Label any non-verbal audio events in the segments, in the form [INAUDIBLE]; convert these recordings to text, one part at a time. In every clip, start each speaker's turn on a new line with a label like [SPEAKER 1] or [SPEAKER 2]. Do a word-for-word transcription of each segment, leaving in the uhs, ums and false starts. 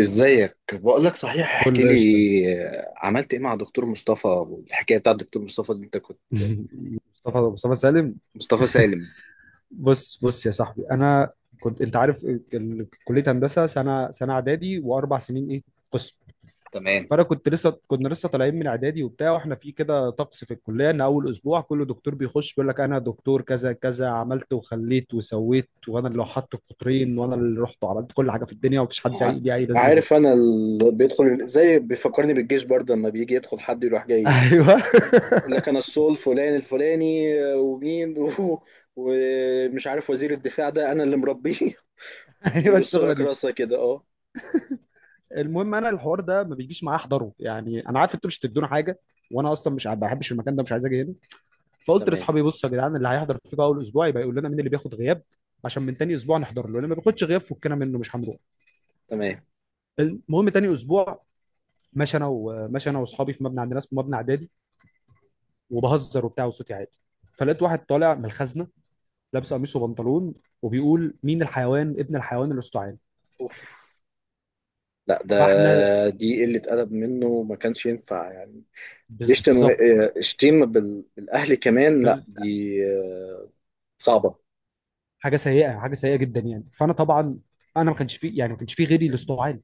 [SPEAKER 1] ازيك؟ بقول لك صحيح، احكي
[SPEAKER 2] كله
[SPEAKER 1] لي.
[SPEAKER 2] قشطه.
[SPEAKER 1] آه، عملت ايه مع دكتور مصطفى؟ والحكايه بتاعت دكتور مصطفى دي انت كنت.
[SPEAKER 2] [LAUGHS] مصطفى مصطفى سالم.
[SPEAKER 1] مصطفى سالم.
[SPEAKER 2] بص بص يا صاحبي، انا كنت، انت عارف ال- كليه هندسه سنه سنه اعدادي واربع سنين ايه، قسم.
[SPEAKER 1] تمام.
[SPEAKER 2] فانا كنت لسه كنا لسه طالعين من اعدادي وبتاع، واحنا في كده طقس في الكليه ان اول اسبوع كل دكتور بيخش بيقول لك انا دكتور كذا كذا، عملت وخليت وسويت، وانا اللي حط القطرين وانا اللي رحت وعملت كل حاجه في الدنيا، ومفيش حد
[SPEAKER 1] ع-
[SPEAKER 2] ليه اي لازمه غيري.
[SPEAKER 1] عارف، انا اللي بيدخل زي بيفكرني بالجيش برضه، لما بيجي يدخل حد يروح
[SPEAKER 2] [LAUGHS]
[SPEAKER 1] جاي
[SPEAKER 2] ايوه. [LAUGHS]
[SPEAKER 1] يقول لك انا السول الفلاني الفلاني، آه، ومين [LAUGHS] و- ومش عارف وزير الدفاع، ده انا اللي مربيه. [LAUGHS]
[SPEAKER 2] ايوه،
[SPEAKER 1] ويرص
[SPEAKER 2] الشغله
[SPEAKER 1] لك
[SPEAKER 2] دي.
[SPEAKER 1] راسه كده، اه.
[SPEAKER 2] المهم انا الحوار ده ما بيجيش معايا احضره، يعني انا عارف انتوا مش هتدونا حاجه، وانا اصلا مش، ما بحبش المكان ده، مش عايز اجي هنا. فقلت
[SPEAKER 1] تمام.
[SPEAKER 2] لاصحابي بصوا يا جدعان، اللي هيحضر فيكم اول اسبوع يبقى يقول لنا مين اللي بياخد غياب، عشان من تاني اسبوع نحضر له اللي ما بياخدش غياب، فكنا منه مش هنروح.
[SPEAKER 1] تمام.
[SPEAKER 2] المهم تاني اسبوع، ماشي انا، وماشي انا واصحابي في مبنى عندنا اسمه مبنى اعدادي، وبهزر وبتاع وصوتي عالي، فلقيت واحد طالع من الخزنه، لابس قميص وبنطلون، وبيقول مين الحيوان ابن الحيوان الاستعان.
[SPEAKER 1] اوف. لا ده.
[SPEAKER 2] فاحنا،
[SPEAKER 1] دي قله ادب منه، ما كانش ينفع يعني. يشتم و-
[SPEAKER 2] بالظبط،
[SPEAKER 1] آه، يشتم بال- بالاهل كمان، لا دي، آه، صعبه.
[SPEAKER 2] حاجه سيئه، حاجه سيئه جدا يعني. فانا طبعا، انا ما كانش في، يعني ما كانش في غيري اللي استوعب علي.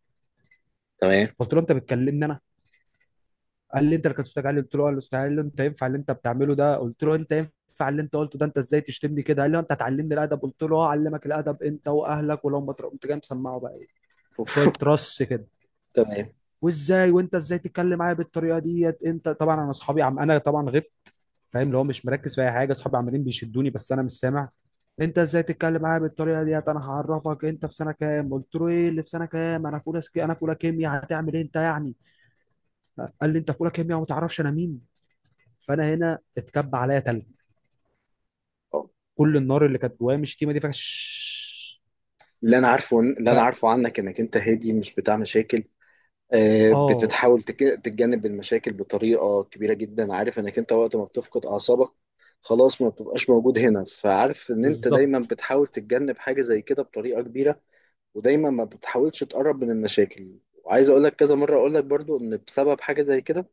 [SPEAKER 1] تمام.
[SPEAKER 2] قلت له انت بتكلمني انا؟ قال لي انت اللي كنت استوعب علي. قلت له اه اللي استوعب علي، انت ينفع اللي انت بتعمله ده؟ قلت له انت ينفع اللي انت قلته ده، انت ازاي تشتمني كده؟ قال لي آه، انت هتعلمني الادب؟ قلت له اه اعلمك الادب انت واهلك، ولو ما تر-، قمت جاي مسمعه بقى ايه،
[SPEAKER 1] أوف.
[SPEAKER 2] شويه رص كده،
[SPEAKER 1] تمام.
[SPEAKER 2] وازاي، وانت ازاي تتكلم معايا بالطريقه ديت؟ انت طبعا، انا اصحابي عم، انا طبعا غبت، فاهم، اللي هو مش مركز في اي حاجه، اصحابي عمالين بيشدوني بس انا مش سامع. انت ازاي تتكلم معايا بالطريقه ديت، انا هعرفك، انت في سنه كام؟ قلت له ايه اللي في سنه كام، انا في اولى سك... انا في اولى كيمياء، هتعمل ايه انت يعني؟ قال لي انت في اولى كيمياء وما تعرفش انا مين؟ فانا هنا اتكب عليا تلج،
[SPEAKER 1] أه.
[SPEAKER 2] كل النار اللي كانت جوايا من الشتيمه دي فش.
[SPEAKER 1] اللي انا عارفه، اللي انا
[SPEAKER 2] ف،
[SPEAKER 1] عارفه عنك، انك انت هادي، مش بتاع مشاكل. آه،
[SPEAKER 2] اه،
[SPEAKER 1] بتتحاول تك- تتجنب المشاكل بطريقه كبيره جدا. عارف انك انت وقت ما بتفقد اعصابك خلاص ما بتبقاش موجود هنا، فعارف ان انت دايما
[SPEAKER 2] بالظبط.
[SPEAKER 1] بتحاول تتجنب حاجه زي كده بطريقه كبيره. ودايما ما بتحاولش تقرب من المشاكل. وعايز اقول لك كذا مره، اقول لك برضو ان بسبب حاجه زي كده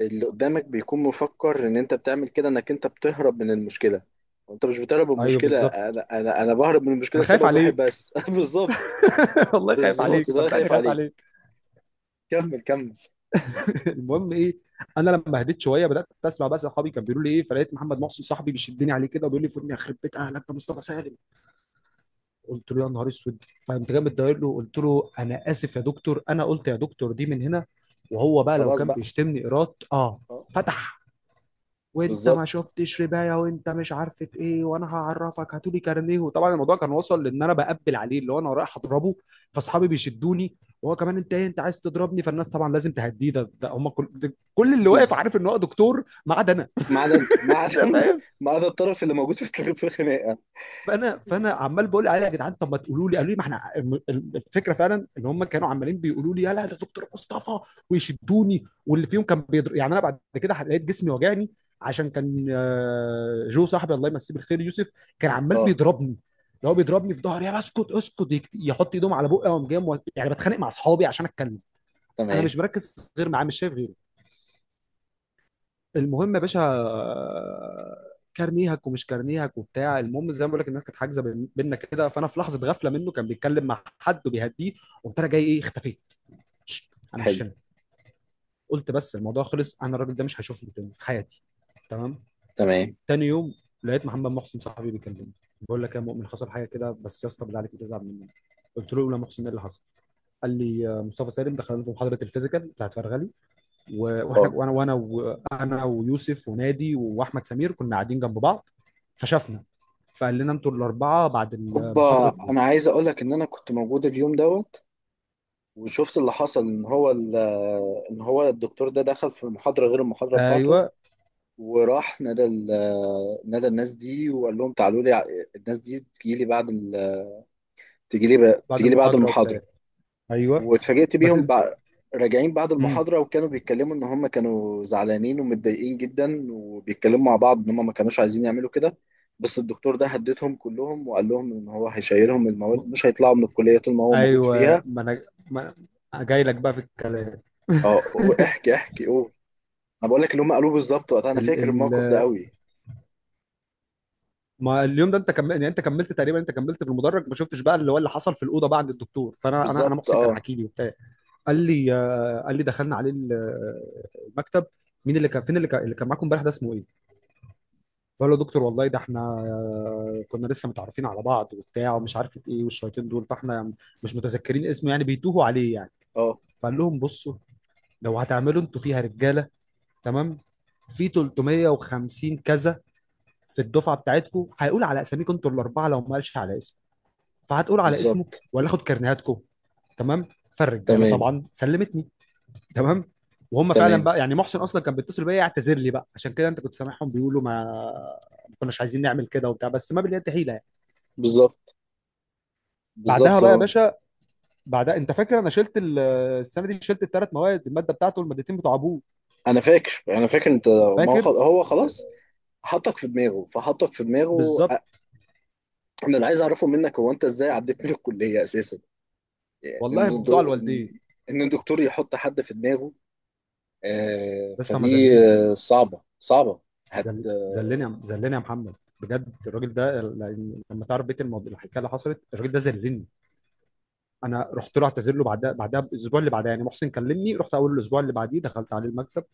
[SPEAKER 1] اللي قدامك بيكون مفكر ان انت بتعمل كده، انك انت بتهرب من المشكله. وانت مش بتهرب من
[SPEAKER 2] ايوه
[SPEAKER 1] المشكله،
[SPEAKER 2] بالظبط،
[SPEAKER 1] انا انا انا بهرب من المشكله
[SPEAKER 2] انا خايف
[SPEAKER 1] لسبب واحد
[SPEAKER 2] عليك.
[SPEAKER 1] بس. [LAUGHS] بالظبط.
[SPEAKER 2] [LAUGHS] والله خايف
[SPEAKER 1] بالظبط،
[SPEAKER 2] عليك،
[SPEAKER 1] ده انا
[SPEAKER 2] صدقني
[SPEAKER 1] خايف
[SPEAKER 2] خايف
[SPEAKER 1] عليك.
[SPEAKER 2] عليك.
[SPEAKER 1] كمل، كمل.
[SPEAKER 2] [LAUGHS] المهم ايه، انا لما هديت شويه بدات اسمع بقى صحابي كانوا بيقولوا لي ايه، فلقيت محمد محسن صاحبي بيشدني عليه كده وبيقول لي فودني، يخرب بيت اهلك ده مصطفى سالم. قلت له يا نهار اسود. فقمت جامد داير له، قلت له انا اسف يا دكتور، انا قلت يا دكتور دي من هنا، وهو بقى لو
[SPEAKER 1] خلاص
[SPEAKER 2] كان
[SPEAKER 1] بقى.
[SPEAKER 2] بيشتمني ايراد اه،
[SPEAKER 1] اه.
[SPEAKER 2] فتح، وانت ما
[SPEAKER 1] بالظبط.
[SPEAKER 2] شفتش ربايه، وانت مش عارف ايه، وانا هعرفك، هاتولي كارنيه. وطبعا الموضوع كان وصل لان انا بقبل عليه اللي هو انا رايح اضربه، فاصحابي بيشدوني، وهو كمان، انت ايه انت عايز تضربني؟ فالناس طبعا لازم تهديه، ده, ده هم كل, ده كل اللي واقف
[SPEAKER 1] بز...
[SPEAKER 2] عارف ان هو دكتور ما عدا انا.
[SPEAKER 1] ما عدا انت، ما
[SPEAKER 2] [LAUGHS]
[SPEAKER 1] عدا.
[SPEAKER 2] ده
[SPEAKER 1] [LAUGHS]
[SPEAKER 2] فاهم.
[SPEAKER 1] ما عدا الطرف اللي موجود في في الخناقه.
[SPEAKER 2] فانا فانا عمال بقول عليها يا جدعان، طب ما تقولوا لي، قالوا لي ما احنا، الم- الفكره فعلا ان هم كانوا عمالين بيقولوا لي يلا ده دكتور مصطفى، ويشدوني، واللي فيهم كان بيضر يعني، انا بعد كده لقيت جسمي وجعني، عشان كان آه، جو صاحبي الله يمسيه بالخير يوسف كان عمال
[SPEAKER 1] اه.
[SPEAKER 2] بيضربني، اللي هو بيضربني في ظهري، يا اسكت اسكت، يك-، يحط ايدهم على بقي، وقام جاي مو-، يعني بتخانق مع اصحابي عشان اتكلم، انا
[SPEAKER 1] تمام.
[SPEAKER 2] مش مركز غير معاه، مش شايف غيره. المهم يا باشا، آه، كارنيهك ومش كارنيهك وبتاع. المهم زي ما بقول لك، الناس كانت حاجزه بين- بينا كده، فانا في لحظه غفله منه كان بيتكلم مع حد وبيهديه، قمت انا جاي ايه، اختفيت. شش، انا
[SPEAKER 1] حلو.
[SPEAKER 2] مش هنا. قلت بس الموضوع خلص، انا الراجل ده مش هشوفه تاني في حياتي. تمام.
[SPEAKER 1] تمام.
[SPEAKER 2] تاني يوم، لقيت محمد محسن صاحبي بيكلمني، بقول لك يا مؤمن حصل حاجه كده، بس يا اسطى بالله عليك تزعل مني. قلت له لا محسن ايه اللي حصل. قال لي آه، مصطفى سالم دخلنا في محاضره الفيزيكال بتاعت فرغلي، و- واحنا
[SPEAKER 1] اه.
[SPEAKER 2] وانا وانا وانا ويوسف ونادي واحمد سمير كنا قاعدين جنب بعض، فشافنا فقال لنا انتوا الاربعه بعد المحاضره
[SPEAKER 1] اوبا،
[SPEAKER 2] دول.
[SPEAKER 1] انا عايز اقول لك ان انا كنت موجود اليوم دوت، وشفت اللي حصل. ان هو ال- ان هو الدكتور ده دخل في المحاضره غير المحاضره بتاعته.
[SPEAKER 2] ايوه
[SPEAKER 1] وراح نادى ال- نادى الناس دي وقال لهم تعالوا لي ع- الناس دي تجي لي بعد ال... تجي لي ب...
[SPEAKER 2] بعد
[SPEAKER 1] تجي لي بعد
[SPEAKER 2] المحاضره وبتاع.
[SPEAKER 1] المحاضره.
[SPEAKER 2] ايوه.
[SPEAKER 1] واتفاجئت
[SPEAKER 2] بس
[SPEAKER 1] بيهم
[SPEAKER 2] انت،
[SPEAKER 1] بع... راجعين بعد
[SPEAKER 2] امم
[SPEAKER 1] المحاضره، وكانوا بيتكلموا ان هم كانوا زعلانين ومتضايقين جدا، وبيتكلموا مع بعض ان هم ما كانوش عايزين يعملوا كده. بس الدكتور ده هددهم كلهم وقال لهم ان هو هيشيلهم المواد، مش هيطلعوا من الكليه طول ما هو موجود
[SPEAKER 2] ايوه.
[SPEAKER 1] فيها.
[SPEAKER 2] ما انا، ما أنا جاي لك بقى في الكلام.
[SPEAKER 1] اه. احكي، احكي، قول. انا بقول لك اللي هم قالوه بالظبط وقتها، انا
[SPEAKER 2] ال
[SPEAKER 1] فاكر
[SPEAKER 2] ال
[SPEAKER 1] الموقف ده قوي.
[SPEAKER 2] ما اليوم ده انت كملت، يعني انت كملت تقريبا، انت كملت في المدرج، ما شفتش بقى اللي هو اللي حصل في الاوضه بقى عند الدكتور. فانا، انا انا
[SPEAKER 1] بالظبط.
[SPEAKER 2] محسن كان
[SPEAKER 1] اه.
[SPEAKER 2] حكي لي وبتاع، قال لي آه، قال لي دخلنا عليه ال- المكتب، مين اللي كان، فين اللي كان، اللي كان معاكم امبارح ده اسمه ايه؟ فقال له دكتور والله ده احنا، آه، كنا لسه متعرفين على بعض وبتاع ومش عارف ايه، والشياطين دول، فاحنا مش متذكرين اسمه يعني، بيتوهوا عليه يعني.
[SPEAKER 1] اه.
[SPEAKER 2] فقال لهم بصوا، لو هتعملوا انتوا فيها رجاله، تمام، في تلت ميه كذا في الدفعه بتاعتكم، هيقول على اساميكم انتوا الاربعه، لو ما قالش على اسمه فهتقول على اسمه،
[SPEAKER 1] بالظبط.
[SPEAKER 2] ولا اخد كرنيهاتكم. تمام، فالرجاله
[SPEAKER 1] تمام.
[SPEAKER 2] طبعا سلمتني. تمام. وهم فعلا
[SPEAKER 1] تمام.
[SPEAKER 2] بقى، يعني محسن اصلا كان بيتصل بيا يعتذر لي بقى، عشان كده انت كنت سامعهم بيقولوا، ما، ما كناش عايزين نعمل كده وبتاع، بس ما باليد حيله يعني.
[SPEAKER 1] بالظبط.
[SPEAKER 2] بعدها
[SPEAKER 1] بالظبط
[SPEAKER 2] بقى يا
[SPEAKER 1] اهو.
[SPEAKER 2] باشا، بعدها انت فاكر، انا شلت ال- السنه دي، شلت الثلاث مواد، الماده بتاعته والمادتين بتوع ابوه.
[SPEAKER 1] انا فاكر انا فاكر انت. ما هو خل-
[SPEAKER 2] فاكر.
[SPEAKER 1] هو خلاص حطك في دماغه، فحطك في دماغه. أ-
[SPEAKER 2] بالظبط،
[SPEAKER 1] انا اللي عايز اعرفه منك هو انت ازاي عديت من الكليه اساسا. يعني
[SPEAKER 2] والله
[SPEAKER 1] ان
[SPEAKER 2] بدعاء
[SPEAKER 1] الدو- ان
[SPEAKER 2] الوالدين.
[SPEAKER 1] إن الدكتور يحط حد في دماغه؟ آه
[SPEAKER 2] بس ما
[SPEAKER 1] فدي.
[SPEAKER 2] ذلني.
[SPEAKER 1] آه، صعبه، صعبه. هد
[SPEAKER 2] ذل- ذلني
[SPEAKER 1] آه،
[SPEAKER 2] يا- ذلني يا محمد، بجد الراجل ده، ل- لما تعرف بيت الموضوع الحكايه اللي حصلت، الراجل ده ذلني. انا رحت له اعتذر له بعدها، بعدها الاسبوع اللي بعدها يعني، محسن كلمني، رحت اول الاسبوع اللي بعديه دخلت عليه المكتب،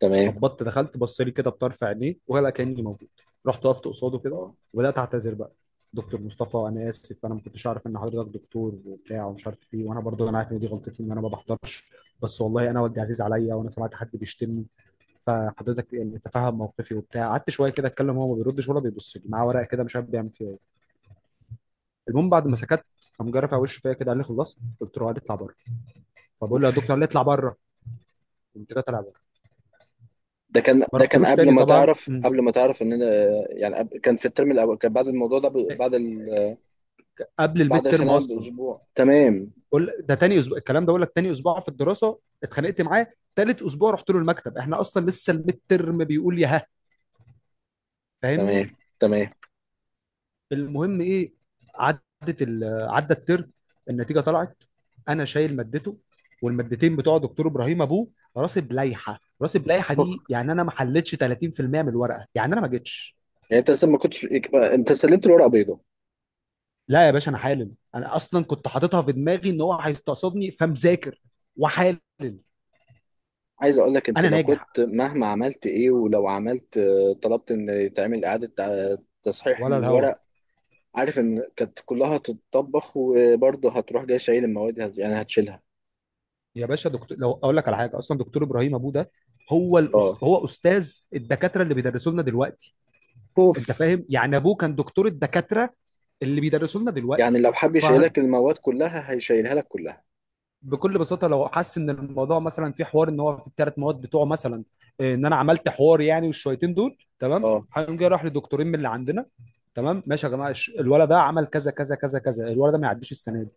[SPEAKER 1] تمام.
[SPEAKER 2] خبطت دخلت، بص لي كده بطرف عينيه ولا كاني موجود، رحت وقفت قصاده كده،
[SPEAKER 1] اه.
[SPEAKER 2] وبدات اعتذر بقى. دكتور مصطفى انا اسف، انا ما كنتش اعرف ان حضرتك دكتور وبتاع ومش عارف ايه، وانا برضو انا عارف ان دي غلطتي ان انا ما بحضرش، بس والله انا والدي عزيز عليا وانا سمعت حد بيشتمني، فحضرتك يعني تفهم موقفي وبتاع. قعدت شويه كده اتكلم، هو ما بيردش ولا بيبص لي، معاه ورقه كده مش عارف بيعمل فيها ايه. المهم بعد ما سكت، قام جرف على وشه فيا كده، قال لي خلصت؟ قلت له، قال اطلع بره. فبقول له يا دكتور،
[SPEAKER 1] اوف.
[SPEAKER 2] قال لي اطلع بره. قمت جاي طالع بره.
[SPEAKER 1] ده كان
[SPEAKER 2] ما
[SPEAKER 1] ده كان
[SPEAKER 2] رحتلوش
[SPEAKER 1] قبل
[SPEAKER 2] تاني
[SPEAKER 1] ما
[SPEAKER 2] طبعا.
[SPEAKER 1] تعرف،
[SPEAKER 2] مم.
[SPEAKER 1] قبل ما تعرف ان انا، آه، يعني قبل- كان في الترم الاول، كان بعد الموضوع ده ب- بعد ال...
[SPEAKER 2] قبل
[SPEAKER 1] بعد
[SPEAKER 2] الميد ترم
[SPEAKER 1] الخناقه
[SPEAKER 2] اصلا،
[SPEAKER 1] باسبوع. تمام.
[SPEAKER 2] بقول ده تاني اسبوع الكلام ده، بقول لك تاني اسبوع في الدراسه اتخانقت معاه، تالت اسبوع رحت له المكتب احنا اصلا لسه الميد ترم، بيقول يا ها، فاهمني؟
[SPEAKER 1] تمام. تمام.
[SPEAKER 2] المهم ايه، عدت ال... عدى الترم، النتيجه طلعت، انا شايل مادته والمادتين بتوع دكتور ابراهيم ابوه، راسب لائحه راسب لائحه، دي يعني انا ما حلتش تلاتين بالميه من الورقه يعني انا ما جيتش.
[SPEAKER 1] يعني انت لسه ما كنتش إك- انت سلمت الورقه بيضاء.
[SPEAKER 2] لا يا باشا انا حالل، انا اصلا كنت حاططها في دماغي ان هو هيستقصدني فمذاكر وحالل.
[SPEAKER 1] عايز اقول لك انت
[SPEAKER 2] انا
[SPEAKER 1] لو
[SPEAKER 2] ناجح
[SPEAKER 1] كنت مهما عملت ايه، ولو عملت، آه، طلبت ان يتعمل اعاده تع- تصحيح
[SPEAKER 2] ولا الهوا؟
[SPEAKER 1] للورق، عارف ان كانت كلها هتتطبخ، وبرضه هتروح جاي شايل المواد، هت- يعني هتشيلها.
[SPEAKER 2] يا باشا دكتور لو اقول لك على حاجه، اصلا دكتور ابراهيم ابوه ده، هو
[SPEAKER 1] اه.
[SPEAKER 2] الأست... هو استاذ الدكاتره اللي بيدرسوا لنا دلوقتي، انت
[SPEAKER 1] اوف.
[SPEAKER 2] فاهم؟ يعني ابوه كان دكتور الدكاتره اللي بيدرسوا لنا
[SPEAKER 1] يعني
[SPEAKER 2] دلوقتي.
[SPEAKER 1] لو حب
[SPEAKER 2] ف...
[SPEAKER 1] يشيلك المواد كلها هيشيلها لك كلها.
[SPEAKER 2] بكل بساطه لو حس ان الموضوع مثلا في حوار ان هو في الثلاث مواد بتوعه مثلا، إيه، ان انا عملت حوار يعني والشويتين دول تمام،
[SPEAKER 1] اه.
[SPEAKER 2] هيقوم جاي راح لدكتورين من اللي عندنا، تمام ماشي يا جماعه، الش- الولد ده عمل كذا كذا كذا كذا، الولد ده ما يعديش السنه دي.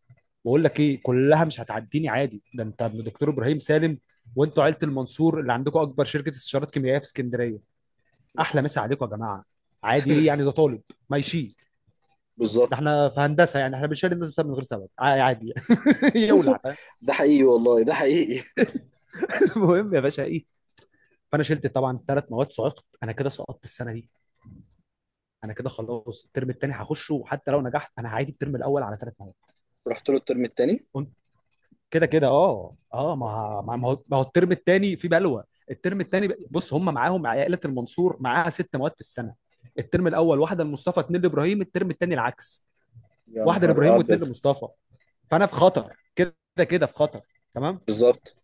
[SPEAKER 2] بقول لك ايه، كلها مش هتعديني عادي، ده انت ابن دكتور ابراهيم سالم، وانتوا عيله المنصور اللي عندكم اكبر شركه استشارات كيميائيه في اسكندريه، احلى
[SPEAKER 1] اوف.
[SPEAKER 2] مسا عليكم يا جماعه، عادي ايه يعني، ده
[SPEAKER 1] [LAUGHS]
[SPEAKER 2] طالب ما يشيل، ده
[SPEAKER 1] بالظبط.
[SPEAKER 2] احنا في هندسه يعني احنا بنشيل الناس بسبب من غير سبب، ع- عادي. [LAUGHS] يولع، فاهم.
[SPEAKER 1] ده حقيقي والله، ده حقيقي. [LAUGHS]
[SPEAKER 2] المهم يا باشا ايه، فانا شلت طبعا ثلاث مواد، صعقت انا كده، سقطت السنه دي، انا كده خلاص الترم الثاني هخشه، وحتى لو نجحت انا هعيد الترم الاول على ثلاث مواد.
[SPEAKER 1] رحت له الترم التاني.
[SPEAKER 2] قمت كده كده، اه اه، ما ه- ما ما هو ما هو الترم الثاني في بلوى. الترم الثاني بص، هم معاهم عائله المنصور معاها ست مواد في السنه، الترم الاول واحده لمصطفى اتنين لابراهيم، الترم الثاني العكس،
[SPEAKER 1] يا
[SPEAKER 2] واحده
[SPEAKER 1] نهار
[SPEAKER 2] لابراهيم واتنين
[SPEAKER 1] ابيض.
[SPEAKER 2] لمصطفى، فانا في خطر، كده كده في خطر، تمام.
[SPEAKER 1] بالظبط،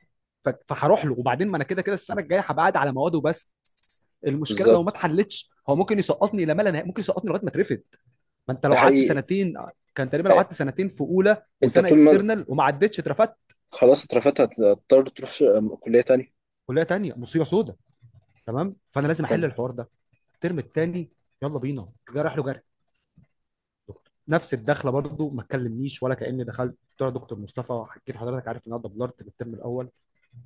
[SPEAKER 2] ف- فهروح له، وبعدين ما انا كده كده السنه الجايه هبقى قاعد على مواد وبس، المشكله لو ما
[SPEAKER 1] بالظبط.
[SPEAKER 2] اتحلتش هو ممكن يسقطني لما لا ملا نهائي، ممكن يسقطني لغايه ما اترفد، ما انت
[SPEAKER 1] ده
[SPEAKER 2] لو قعدت
[SPEAKER 1] حقيقي.
[SPEAKER 2] سنتين، كان تقريبا لو
[SPEAKER 1] آه،
[SPEAKER 2] قعدت سنتين في اولى
[SPEAKER 1] انت
[SPEAKER 2] وسنه
[SPEAKER 1] طول ما.
[SPEAKER 2] اكسترنال وما عدتش اترفدت،
[SPEAKER 1] خلاص، اترفدت، هتضطر تروح ش- كلية تانية.
[SPEAKER 2] كليه تانيه، مصيبه سودا. تمام، فانا لازم احل
[SPEAKER 1] تمام.
[SPEAKER 2] الحوار ده، الترم التاني يلا بينا، جرح له جرح، نفس الدخله، برضو ما تكلمنيش ولا كاني دخلت بتوع دكتور مصطفى، حكيت لحضرتك، عارف ان انا دبلرت الترم الاول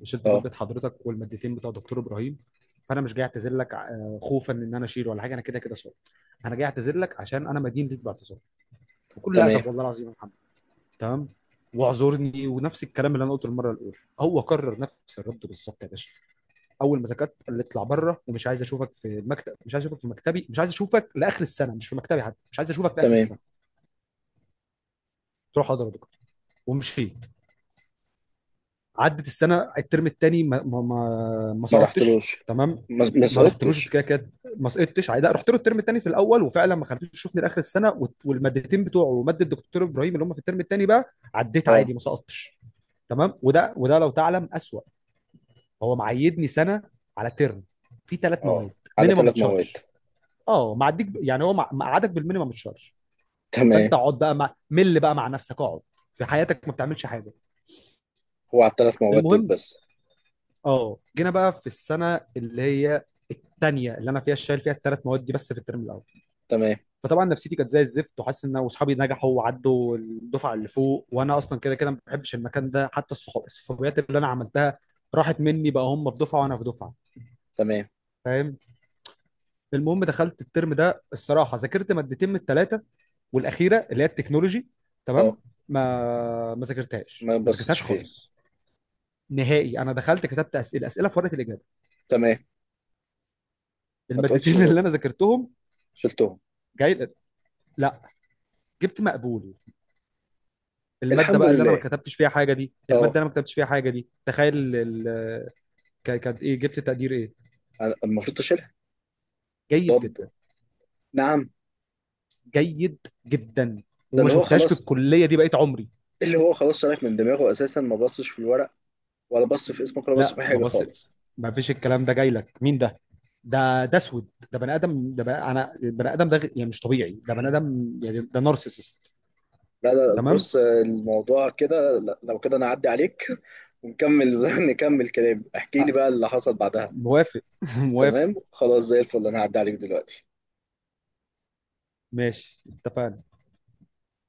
[SPEAKER 2] وشلت
[SPEAKER 1] اه.
[SPEAKER 2] ماده حضرتك والمادتين بتوع دكتور ابراهيم، فانا مش جاي اعتذر لك آه، خوفا ان انا اشيل ولا حاجه، انا كده كده صار، انا جاي اعتذر لك عشان انا مدين ليك باعتذار، بكل
[SPEAKER 1] تمام.
[SPEAKER 2] ادب والله العظيم يا محمد، تمام، واعذرني. ونفس الكلام اللي انا قلته المره الاولى هو كرر نفس الرد بالظبط يا باشا، اول ما ذاكرت قال لي اطلع بره ومش عايز اشوفك في المكتب، مش عايز اشوفك في مكتبي، مش عايز اشوفك لاخر السنه، مش في مكتبي حتى، مش عايز اشوفك لاخر
[SPEAKER 1] تمام.
[SPEAKER 2] السنه. قلت له حاضر يا دكتور، ومشيت. عدت السنه الترم الثاني، ما ما ما, ما
[SPEAKER 1] ما
[SPEAKER 2] سقطتش،
[SPEAKER 1] رحتلوش.
[SPEAKER 2] تمام،
[SPEAKER 1] ما ما
[SPEAKER 2] ما رحتلوش
[SPEAKER 1] سقطتش.
[SPEAKER 2] كده كده، ما سقطتش عادي، لا، رحت له الترم الثاني في الاول، وفعلا ما خليتوش يشوفني لاخر السنه، وت-، والمادتين بتوعه وماده الدكتور ابراهيم اللي هم في الترم الثاني بقى، عديت عادي
[SPEAKER 1] اه.
[SPEAKER 2] ما سقطتش. تمام. وده وده لو تعلم اسوأ، هو معيدني سنه على ترم في ثلاث
[SPEAKER 1] اه.
[SPEAKER 2] مواد،
[SPEAKER 1] على
[SPEAKER 2] مينيمم
[SPEAKER 1] ثلاث مواد.
[SPEAKER 2] تشارج. اه معديك، ب- يعني هو مع- مقعدك بالمينيمم تشارج، فانت
[SPEAKER 1] تمام.
[SPEAKER 2] اقعد بقى مع، مل بقى مع نفسك، اقعد في حياتك ما بتعملش حاجه.
[SPEAKER 1] هو على الثلاث مواد دول
[SPEAKER 2] المهم
[SPEAKER 1] بس؟
[SPEAKER 2] اه، جينا بقى في السنه اللي هي الثانيه اللي انا فيها شايل فيها الثلاث مواد دي بس في الترم الاول.
[SPEAKER 1] تمام.
[SPEAKER 2] فطبعا نفسيتي كانت زي الزفت، وحاسس ان اصحابي نجحوا وعدوا الدفعه اللي فوق، وانا اصلا كده كده ما بحبش المكان ده، حتى الصحاب الصحوبيات اللي انا عملتها راحت مني بقى، هم في دفعه وانا في دفعه،
[SPEAKER 1] تمام.
[SPEAKER 2] فاهم. المهم دخلت الترم ده الصراحه ذاكرت مادتين من الثلاثه، والاخيره اللي هي التكنولوجي
[SPEAKER 1] اه.
[SPEAKER 2] تمام، ما ما ذاكرتهاش
[SPEAKER 1] ما
[SPEAKER 2] ما
[SPEAKER 1] بصيتش
[SPEAKER 2] ذاكرتهاش
[SPEAKER 1] فيها.
[SPEAKER 2] خالص نهائي، انا دخلت كتبت اسئله اسئله في ورقه الاجابه،
[SPEAKER 1] تمام. ما تقولش
[SPEAKER 2] المادتين اللي
[SPEAKER 1] شل-
[SPEAKER 2] انا ذاكرتهم،
[SPEAKER 1] شلتهم.
[SPEAKER 2] جاي لا جبت مقبول. الماده
[SPEAKER 1] الحمد
[SPEAKER 2] بقى اللي انا ما
[SPEAKER 1] لله.
[SPEAKER 2] كتبتش فيها حاجه، دي
[SPEAKER 1] اه.
[SPEAKER 2] الماده انا ما كتبتش فيها حاجه، دي تخيل ال- ال- ك- كانت ايه، جبت تقدير ايه؟
[SPEAKER 1] أنا المفروض تشيلها.
[SPEAKER 2] جيد
[SPEAKER 1] طب.
[SPEAKER 2] جدا.
[SPEAKER 1] نعم.
[SPEAKER 2] جيد جدا.
[SPEAKER 1] ده
[SPEAKER 2] وما
[SPEAKER 1] اللي هو
[SPEAKER 2] شفتهاش في
[SPEAKER 1] خلاص.
[SPEAKER 2] الكليه دي بقيت عمري.
[SPEAKER 1] اللي هو خلاص سالك من دماغه اساسا، ما بصش في الورق، ولا بص في اسمك، ولا بص
[SPEAKER 2] لا
[SPEAKER 1] في أي
[SPEAKER 2] ما
[SPEAKER 1] حاجه
[SPEAKER 2] بص،
[SPEAKER 1] خالص.
[SPEAKER 2] ما فيش الكلام ده، جاي لك مين ده؟ ده ده اسود، ده بني ادم، ده بني... انا بني ادم، ده غ- يعني مش طبيعي ده بني ادم، يعني ده نارسيسست.
[SPEAKER 1] لا، لا،
[SPEAKER 2] تمام.
[SPEAKER 1] بص الموضوع كده، لا- لو كده انا اعدي عليك. [LAUGHS] ونكمل. [LAUGHS] نكمل كلام. احكي لي
[SPEAKER 2] أه،
[SPEAKER 1] بقى اللي حصل بعدها.
[SPEAKER 2] موافق. [LAUGHS] [APPLAUSE] موافق.
[SPEAKER 1] تمام، خلاص، زي الفل. انا هعدي عليك دلوقتي.
[SPEAKER 2] ماشي، اتفقنا.